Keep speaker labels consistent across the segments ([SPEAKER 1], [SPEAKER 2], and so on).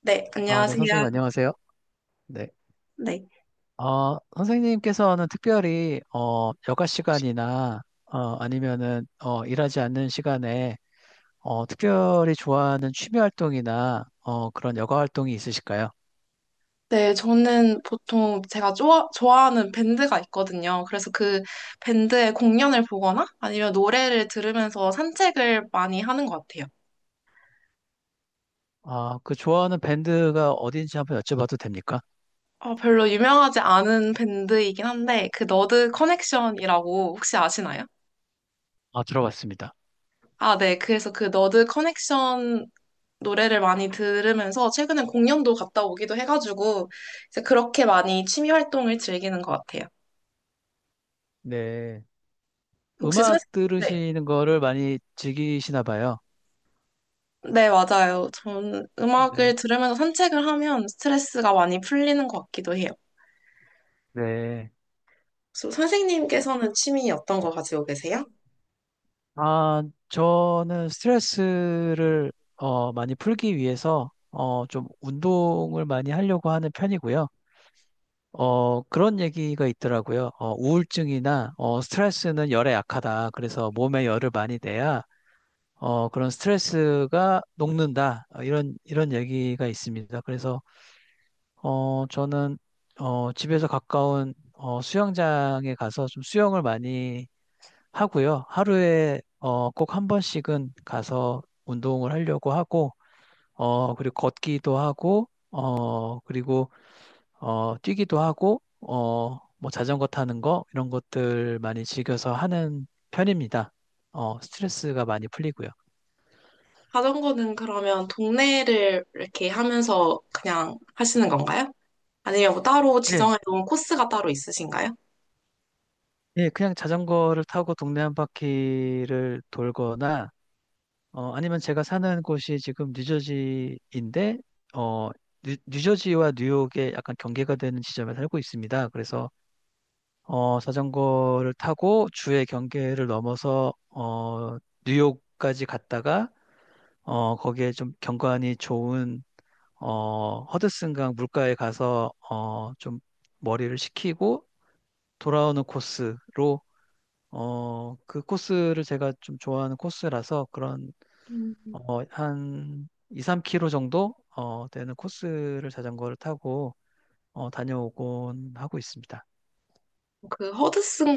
[SPEAKER 1] 네,
[SPEAKER 2] 아, 네,
[SPEAKER 1] 안녕하세요.
[SPEAKER 2] 선생님 안녕하세요. 네.
[SPEAKER 1] 네.
[SPEAKER 2] 선생님께서는 특별히 여가 시간이나 아니면은 일하지 않는 시간에 특별히 좋아하는 취미 활동이나 그런 여가 활동이 있으실까요?
[SPEAKER 1] 네, 저는 보통 제가 좋아하는 밴드가 있거든요. 그래서 그 밴드의 공연을 보거나 아니면 노래를 들으면서 산책을 많이 하는 것 같아요.
[SPEAKER 2] 아, 그 좋아하는 밴드가 어딘지 한번 여쭤봐도 됩니까?
[SPEAKER 1] 별로 유명하지 않은 밴드이긴 한데, 그 너드 커넥션이라고 혹시 아시나요?
[SPEAKER 2] 아, 들어봤습니다.
[SPEAKER 1] 아, 네. 그래서 그 너드 커넥션 노래를 많이 들으면서 최근에 공연도 갔다 오기도 해가지고, 이제 그렇게 많이 취미 활동을 즐기는 것 같아요.
[SPEAKER 2] 네.
[SPEAKER 1] 혹시 선,
[SPEAKER 2] 음악
[SPEAKER 1] 네.
[SPEAKER 2] 들으시는 거를 많이 즐기시나 봐요.
[SPEAKER 1] 네, 맞아요. 저는 음악을
[SPEAKER 2] 네.
[SPEAKER 1] 들으면서 산책을 하면 스트레스가 많이 풀리는 것 같기도 해요.
[SPEAKER 2] 네.
[SPEAKER 1] 선생님께서는 취미 어떤 거 가지고 계세요?
[SPEAKER 2] 아, 저는 스트레스를 많이 풀기 위해서 좀 운동을 많이 하려고 하는 편이고요. 그런 얘기가 있더라고요. 우울증이나 스트레스는 열에 약하다. 그래서 몸에 열을 많이 내야 그런 스트레스가 녹는다. 이런 얘기가 있습니다. 그래서 저는 집에서 가까운 수영장에 가서 좀 수영을 많이 하고요. 하루에 꼭 한 번씩은 가서 운동을 하려고 하고, 그리고 걷기도 하고, 그리고 뛰기도 하고, 뭐 자전거 타는 거 이런 것들 많이 즐겨서 하는 편입니다. 스트레스가 많이 풀리고요.
[SPEAKER 1] 자전거는 그러면 동네를 이렇게 하면서 그냥 하시는 건가요? 아니면 뭐 따로
[SPEAKER 2] 예,
[SPEAKER 1] 지정해 놓은 코스가 따로 있으신가요?
[SPEAKER 2] 예, 그냥 자전거를 타고 동네 한 바퀴를 돌거나 아니면 제가 사는 곳이 지금 뉴저지인데, 어, 뉴저지와 뉴욕의 약간 경계가 되는 지점에 살고 있습니다. 그래서 자전거를 타고 주의 경계를 넘어서 뉴욕까지 갔다가 거기에 좀 경관이 좋은 허드슨강 물가에 가서 좀 머리를 식히고 돌아오는 코스로 그 코스를 제가 좀 좋아하는 코스라서 그런
[SPEAKER 1] 음.
[SPEAKER 2] 한 2, 3 k 로 정도 되는 코스를 자전거를 타고 다녀오곤 하고 있습니다.
[SPEAKER 1] 그 허드슨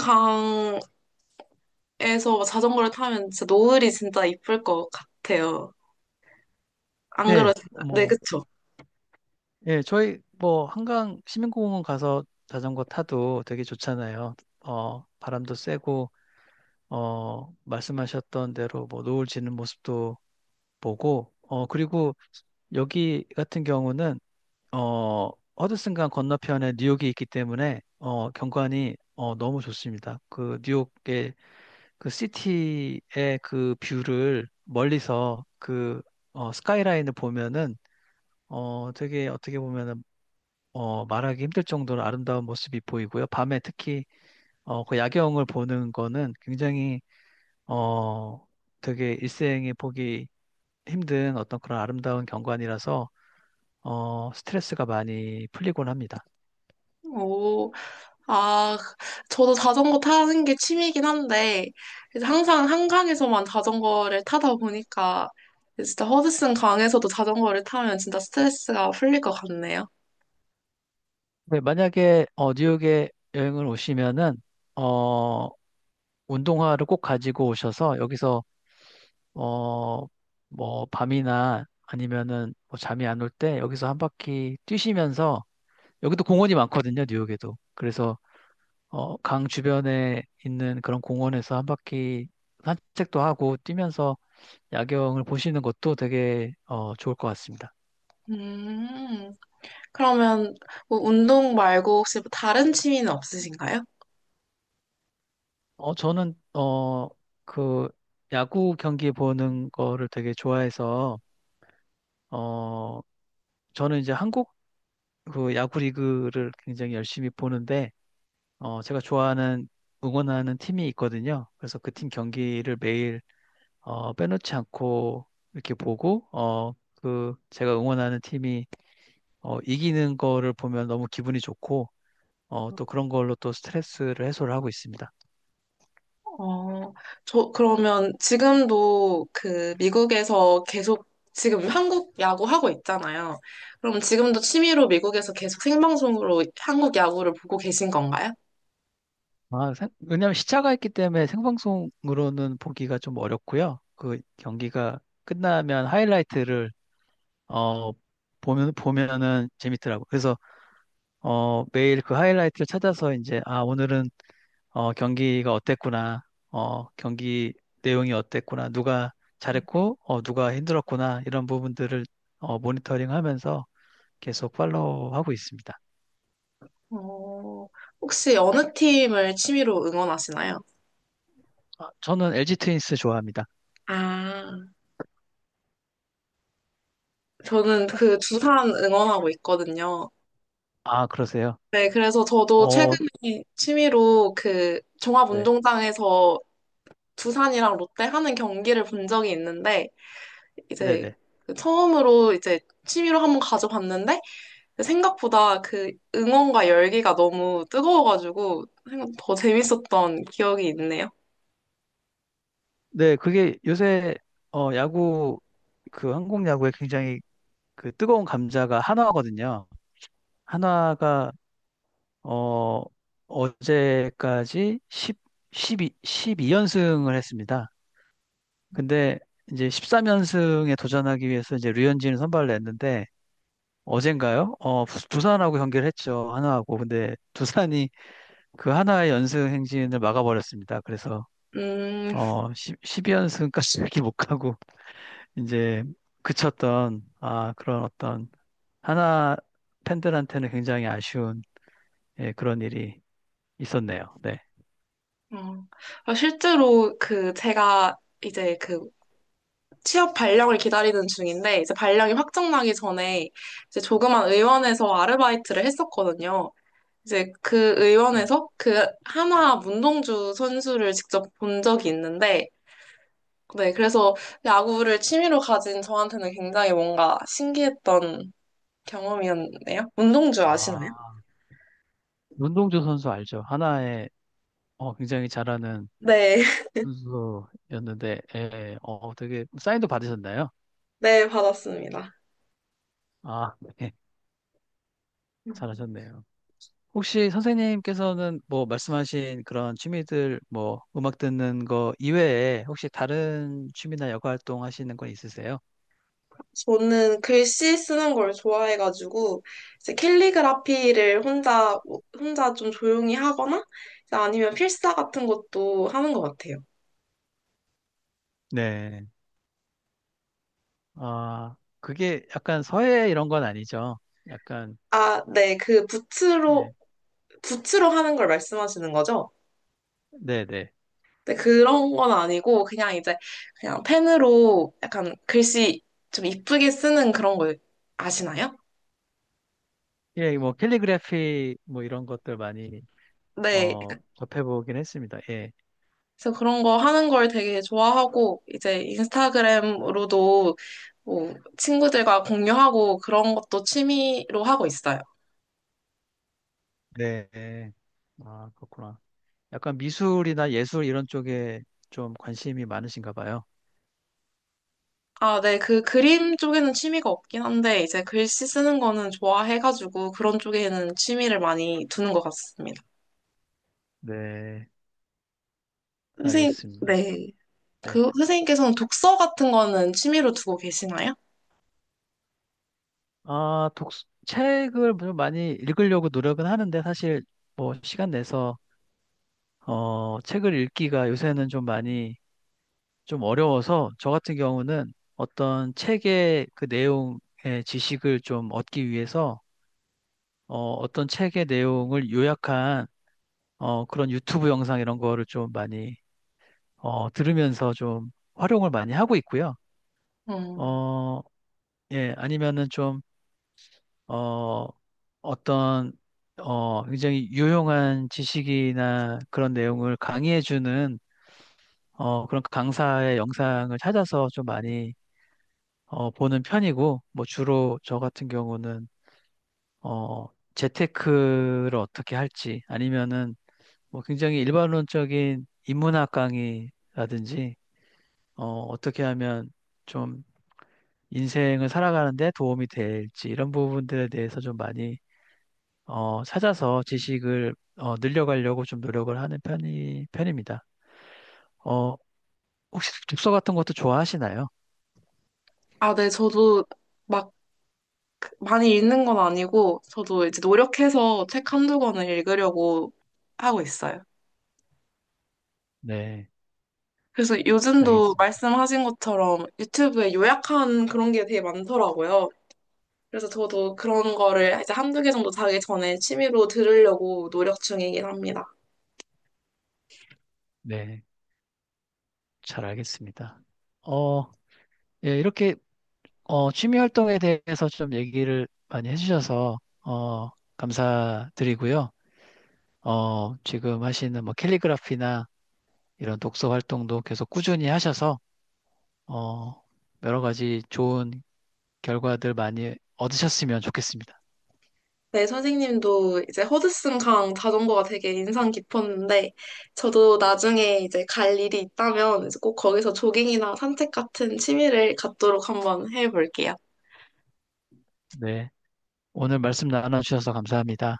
[SPEAKER 1] 강에서 자전거를 타면 진짜 노을이 진짜 이쁠 것 같아요. 안
[SPEAKER 2] 네,
[SPEAKER 1] 그러신가요? 네,
[SPEAKER 2] 뭐,
[SPEAKER 1] 그쵸?
[SPEAKER 2] 예, 저희 뭐 한강 시민공원 가서 자전거 타도 되게 좋잖아요. 바람도 쐬고 말씀하셨던 대로 뭐 노을 지는 모습도 보고 그리고 여기 같은 경우는 어, 허드슨강 건너편에 뉴욕이 있기 때문에 경관이 너무 좋습니다. 그 뉴욕의 그 시티의 그 뷰를 멀리서 그 스카이라인을 보면은 되게 어떻게 보면은 말하기 힘들 정도로 아름다운 모습이 보이고요. 밤에 특히 그 야경을 보는 거는 굉장히 어, 되게 일생에 보기 힘든 어떤 그런 아름다운 경관이라서 스트레스가 많이 풀리곤 합니다.
[SPEAKER 1] 오, 아, 저도 자전거 타는 게 취미이긴 한데, 이제 항상 한강에서만 자전거를 타다 보니까, 진짜 허드슨 강에서도 자전거를 타면 진짜 스트레스가 풀릴 것 같네요.
[SPEAKER 2] 네, 만약에 뉴욕에 여행을 오시면은 어, 운동화를 꼭 가지고 오셔서 여기서 어, 뭐 밤이나 아니면은 뭐 잠이 안 올 때 여기서 한 바퀴 뛰시면서 여기도 공원이 많거든요, 뉴욕에도. 그래서 강 주변에 있는 그런 공원에서 한 바퀴 산책도 하고 뛰면서 야경을 보시는 것도 되게 좋을 것 같습니다.
[SPEAKER 1] 음, 그러면 뭐 운동 말고 혹시 뭐 다른 취미는 없으신가요?
[SPEAKER 2] 저는 그 야구 경기 보는 거를 되게 좋아해서 어, 저는 이제 한국 그 야구 리그를 굉장히 열심히 보는데, 제가 좋아하는 응원하는 팀이 있거든요. 그래서 그 팀 경기를 매일 빼놓지 않고 이렇게 보고, 그 제가 응원하는 팀이 이기는 거를 보면 너무 기분이 좋고, 또 그런 걸로 또 스트레스를 해소를 하고 있습니다.
[SPEAKER 1] 어, 저, 그러면 지금도 그 미국에서 계속 지금 한국 야구 하고 있잖아요. 그럼 지금도 취미로 미국에서 계속 생방송으로 한국 야구를 보고 계신 건가요?
[SPEAKER 2] 아, 왜냐하면 시차가 있기 때문에 생방송으로는 보기가 좀 어렵고요. 그 경기가 끝나면 하이라이트를 어, 보면은 재밌더라고. 그래서 매일 그 하이라이트를 찾아서 이제, 아, 오늘은 경기가 어땠구나. 경기 내용이 어땠구나. 누가 잘했고, 누가 힘들었구나. 이런 부분들을 모니터링 하면서 계속 팔로우하고 있습니다.
[SPEAKER 1] 어, 혹시 어느 팀을 취미로 응원하시나요?
[SPEAKER 2] 아, 저는 LG 트윈스 좋아합니다.
[SPEAKER 1] 아, 저는 그
[SPEAKER 2] 혹시,
[SPEAKER 1] 두산 응원하고 있거든요.
[SPEAKER 2] 아, 그러세요?
[SPEAKER 1] 네, 그래서 저도
[SPEAKER 2] 어,
[SPEAKER 1] 최근에 취미로 그
[SPEAKER 2] 네.
[SPEAKER 1] 종합운동장에서 두산이랑 롯데 하는 경기를 본 적이 있는데, 이제
[SPEAKER 2] 네네.
[SPEAKER 1] 그 처음으로 이제 취미로 한번 가져봤는데, 생각보다 그 응원과 열기가 너무 뜨거워가지고, 생각 더 재밌었던 기억이 있네요.
[SPEAKER 2] 네, 그게 요새, 야구, 그 한국 야구에 굉장히 그 뜨거운 감자가 한화거든요. 하나가 어 어제까지 1 십이 2이연승을 했습니다. 근데 이제 13연승에 도전하기 위해서 이제 류현진을 선발을 냈는데 어젠가요? 두산하고 경기를 했죠. 하나하고. 근데 두산이 그 하나의 연승 행진을 막아버렸습니다. 그래서
[SPEAKER 1] 음,
[SPEAKER 2] 10, 2연승까지 이렇게 못 가고 이제 그쳤던 아 그런 어떤 하나 팬들한테는 굉장히 아쉬운 예, 그런 일이 있었네요. 네.
[SPEAKER 1] 어, 실제로 그 제가 이제 그 취업 발령을 기다리는 중인데 이제 발령이 확정나기 전에 이제 조그만 의원에서 아르바이트를 했었거든요. 이제 그 의원에서 그 한화 문동주 선수를 직접 본 적이 있는데 네, 그래서 야구를 취미로 가진 저한테는 굉장히 뭔가 신기했던 경험이었네요. 문동주
[SPEAKER 2] 아,
[SPEAKER 1] 아시나요?
[SPEAKER 2] 문동주 선수 알죠? 하나에 굉장히 잘하는
[SPEAKER 1] 네,
[SPEAKER 2] 선수였는데, 예, 되게 사인도 받으셨나요?
[SPEAKER 1] 네, 받았습니다.
[SPEAKER 2] 아, 네, 잘하셨네요. 혹시 선생님께서는 뭐 말씀하신 그런 취미들, 뭐 음악 듣는 거 이외에 혹시 다른 취미나 여가 활동 하시는 건 있으세요?
[SPEAKER 1] 저는 글씨 쓰는 걸 좋아해가지고 이제 캘리그라피를 혼자 좀 조용히 하거나 이제 아니면 필사 같은 것도 하는 것 같아요.
[SPEAKER 2] 네. 아, 그게 약간 서예 이런 건 아니죠. 약간,
[SPEAKER 1] 아, 네, 그
[SPEAKER 2] 예,
[SPEAKER 1] 붓으로 하는 걸 말씀하시는 거죠?
[SPEAKER 2] 네네.
[SPEAKER 1] 네, 그런 건 아니고 그냥 이제 그냥 펜으로 약간 글씨 좀 이쁘게 쓰는 그런 거 아시나요?
[SPEAKER 2] 예, 뭐 캘리그래피 뭐 이런 것들 많이
[SPEAKER 1] 네,
[SPEAKER 2] 접해보긴 했습니다. 예.
[SPEAKER 1] 그래서 그런 거 하는 걸 되게 좋아하고, 이제 인스타그램으로도 뭐 친구들과 공유하고 그런 것도 취미로 하고 있어요.
[SPEAKER 2] 네. 네. 아, 그렇구나. 약간 미술이나 예술 이런 쪽에 좀 관심이 많으신가 봐요.
[SPEAKER 1] 아, 네. 그 그림 쪽에는 취미가 없긴 한데, 이제 글씨 쓰는 거는 좋아해가지고 그런 쪽에는 취미를 많이 두는 것 같습니다.
[SPEAKER 2] 네,
[SPEAKER 1] 선생님,
[SPEAKER 2] 알겠습니다.
[SPEAKER 1] 네.
[SPEAKER 2] 네.
[SPEAKER 1] 그 선생님께서는 독서 같은 거는 취미로 두고 계시나요?
[SPEAKER 2] 아, 책을 좀 많이 읽으려고 노력은 하는데 사실 뭐 시간 내서 책을 읽기가 요새는 좀 많이 좀 어려워서 저 같은 경우는 어떤 책의 그 내용의 지식을 좀 얻기 위해서 어떤 책의 내용을 요약한 그런 유튜브 영상 이런 거를 좀 많이 들으면서 좀 활용을 많이 하고 있고요.
[SPEAKER 1] 음.
[SPEAKER 2] 어, 예, 아니면은 좀 어, 어떤 굉장히 유용한 지식이나 그런 내용을 강의해주는 그런 강사의 영상을 찾아서 좀 많이 보는 편이고, 뭐 주로 저 같은 경우는 어, 재테크를 어떻게 할지 아니면은 뭐 굉장히 일반론적인 인문학 강의라든지 어떻게 하면 좀 인생을 살아가는데 도움이 될지 이런 부분들에 대해서 좀 많이 찾아서 지식을 늘려가려고 좀 노력을 하는 편입니다. 어, 혹시 독서 같은 것도 좋아하시나요?
[SPEAKER 1] 아, 네. 저도 막 많이 읽는 건 아니고, 저도 이제 노력해서 책 한두 권을 읽으려고 하고 있어요.
[SPEAKER 2] 네,
[SPEAKER 1] 그래서 요즘도
[SPEAKER 2] 알겠습니다.
[SPEAKER 1] 말씀하신 것처럼 유튜브에 요약한 그런 게 되게 많더라고요. 그래서 저도 그런 거를 이제 한두 개 정도 자기 전에 취미로 들으려고 노력 중이긴 합니다.
[SPEAKER 2] 네, 잘 알겠습니다. 어, 예, 이렇게 취미 활동에 대해서 좀 얘기를 많이 해주셔서 감사드리고요. 지금 하시는 뭐 캘리그라피나 이런 독서 활동도 계속 꾸준히 하셔서 어, 여러 가지 좋은 결과들 많이 얻으셨으면 좋겠습니다.
[SPEAKER 1] 네, 선생님도 이제 허드슨 강 자전거가 되게 인상 깊었는데, 저도 나중에 이제 갈 일이 있다면 이제 꼭 거기서 조깅이나 산책 같은 취미를 갖도록 한번 해볼게요.
[SPEAKER 2] 네. 오늘 말씀 나눠주셔서 감사합니다.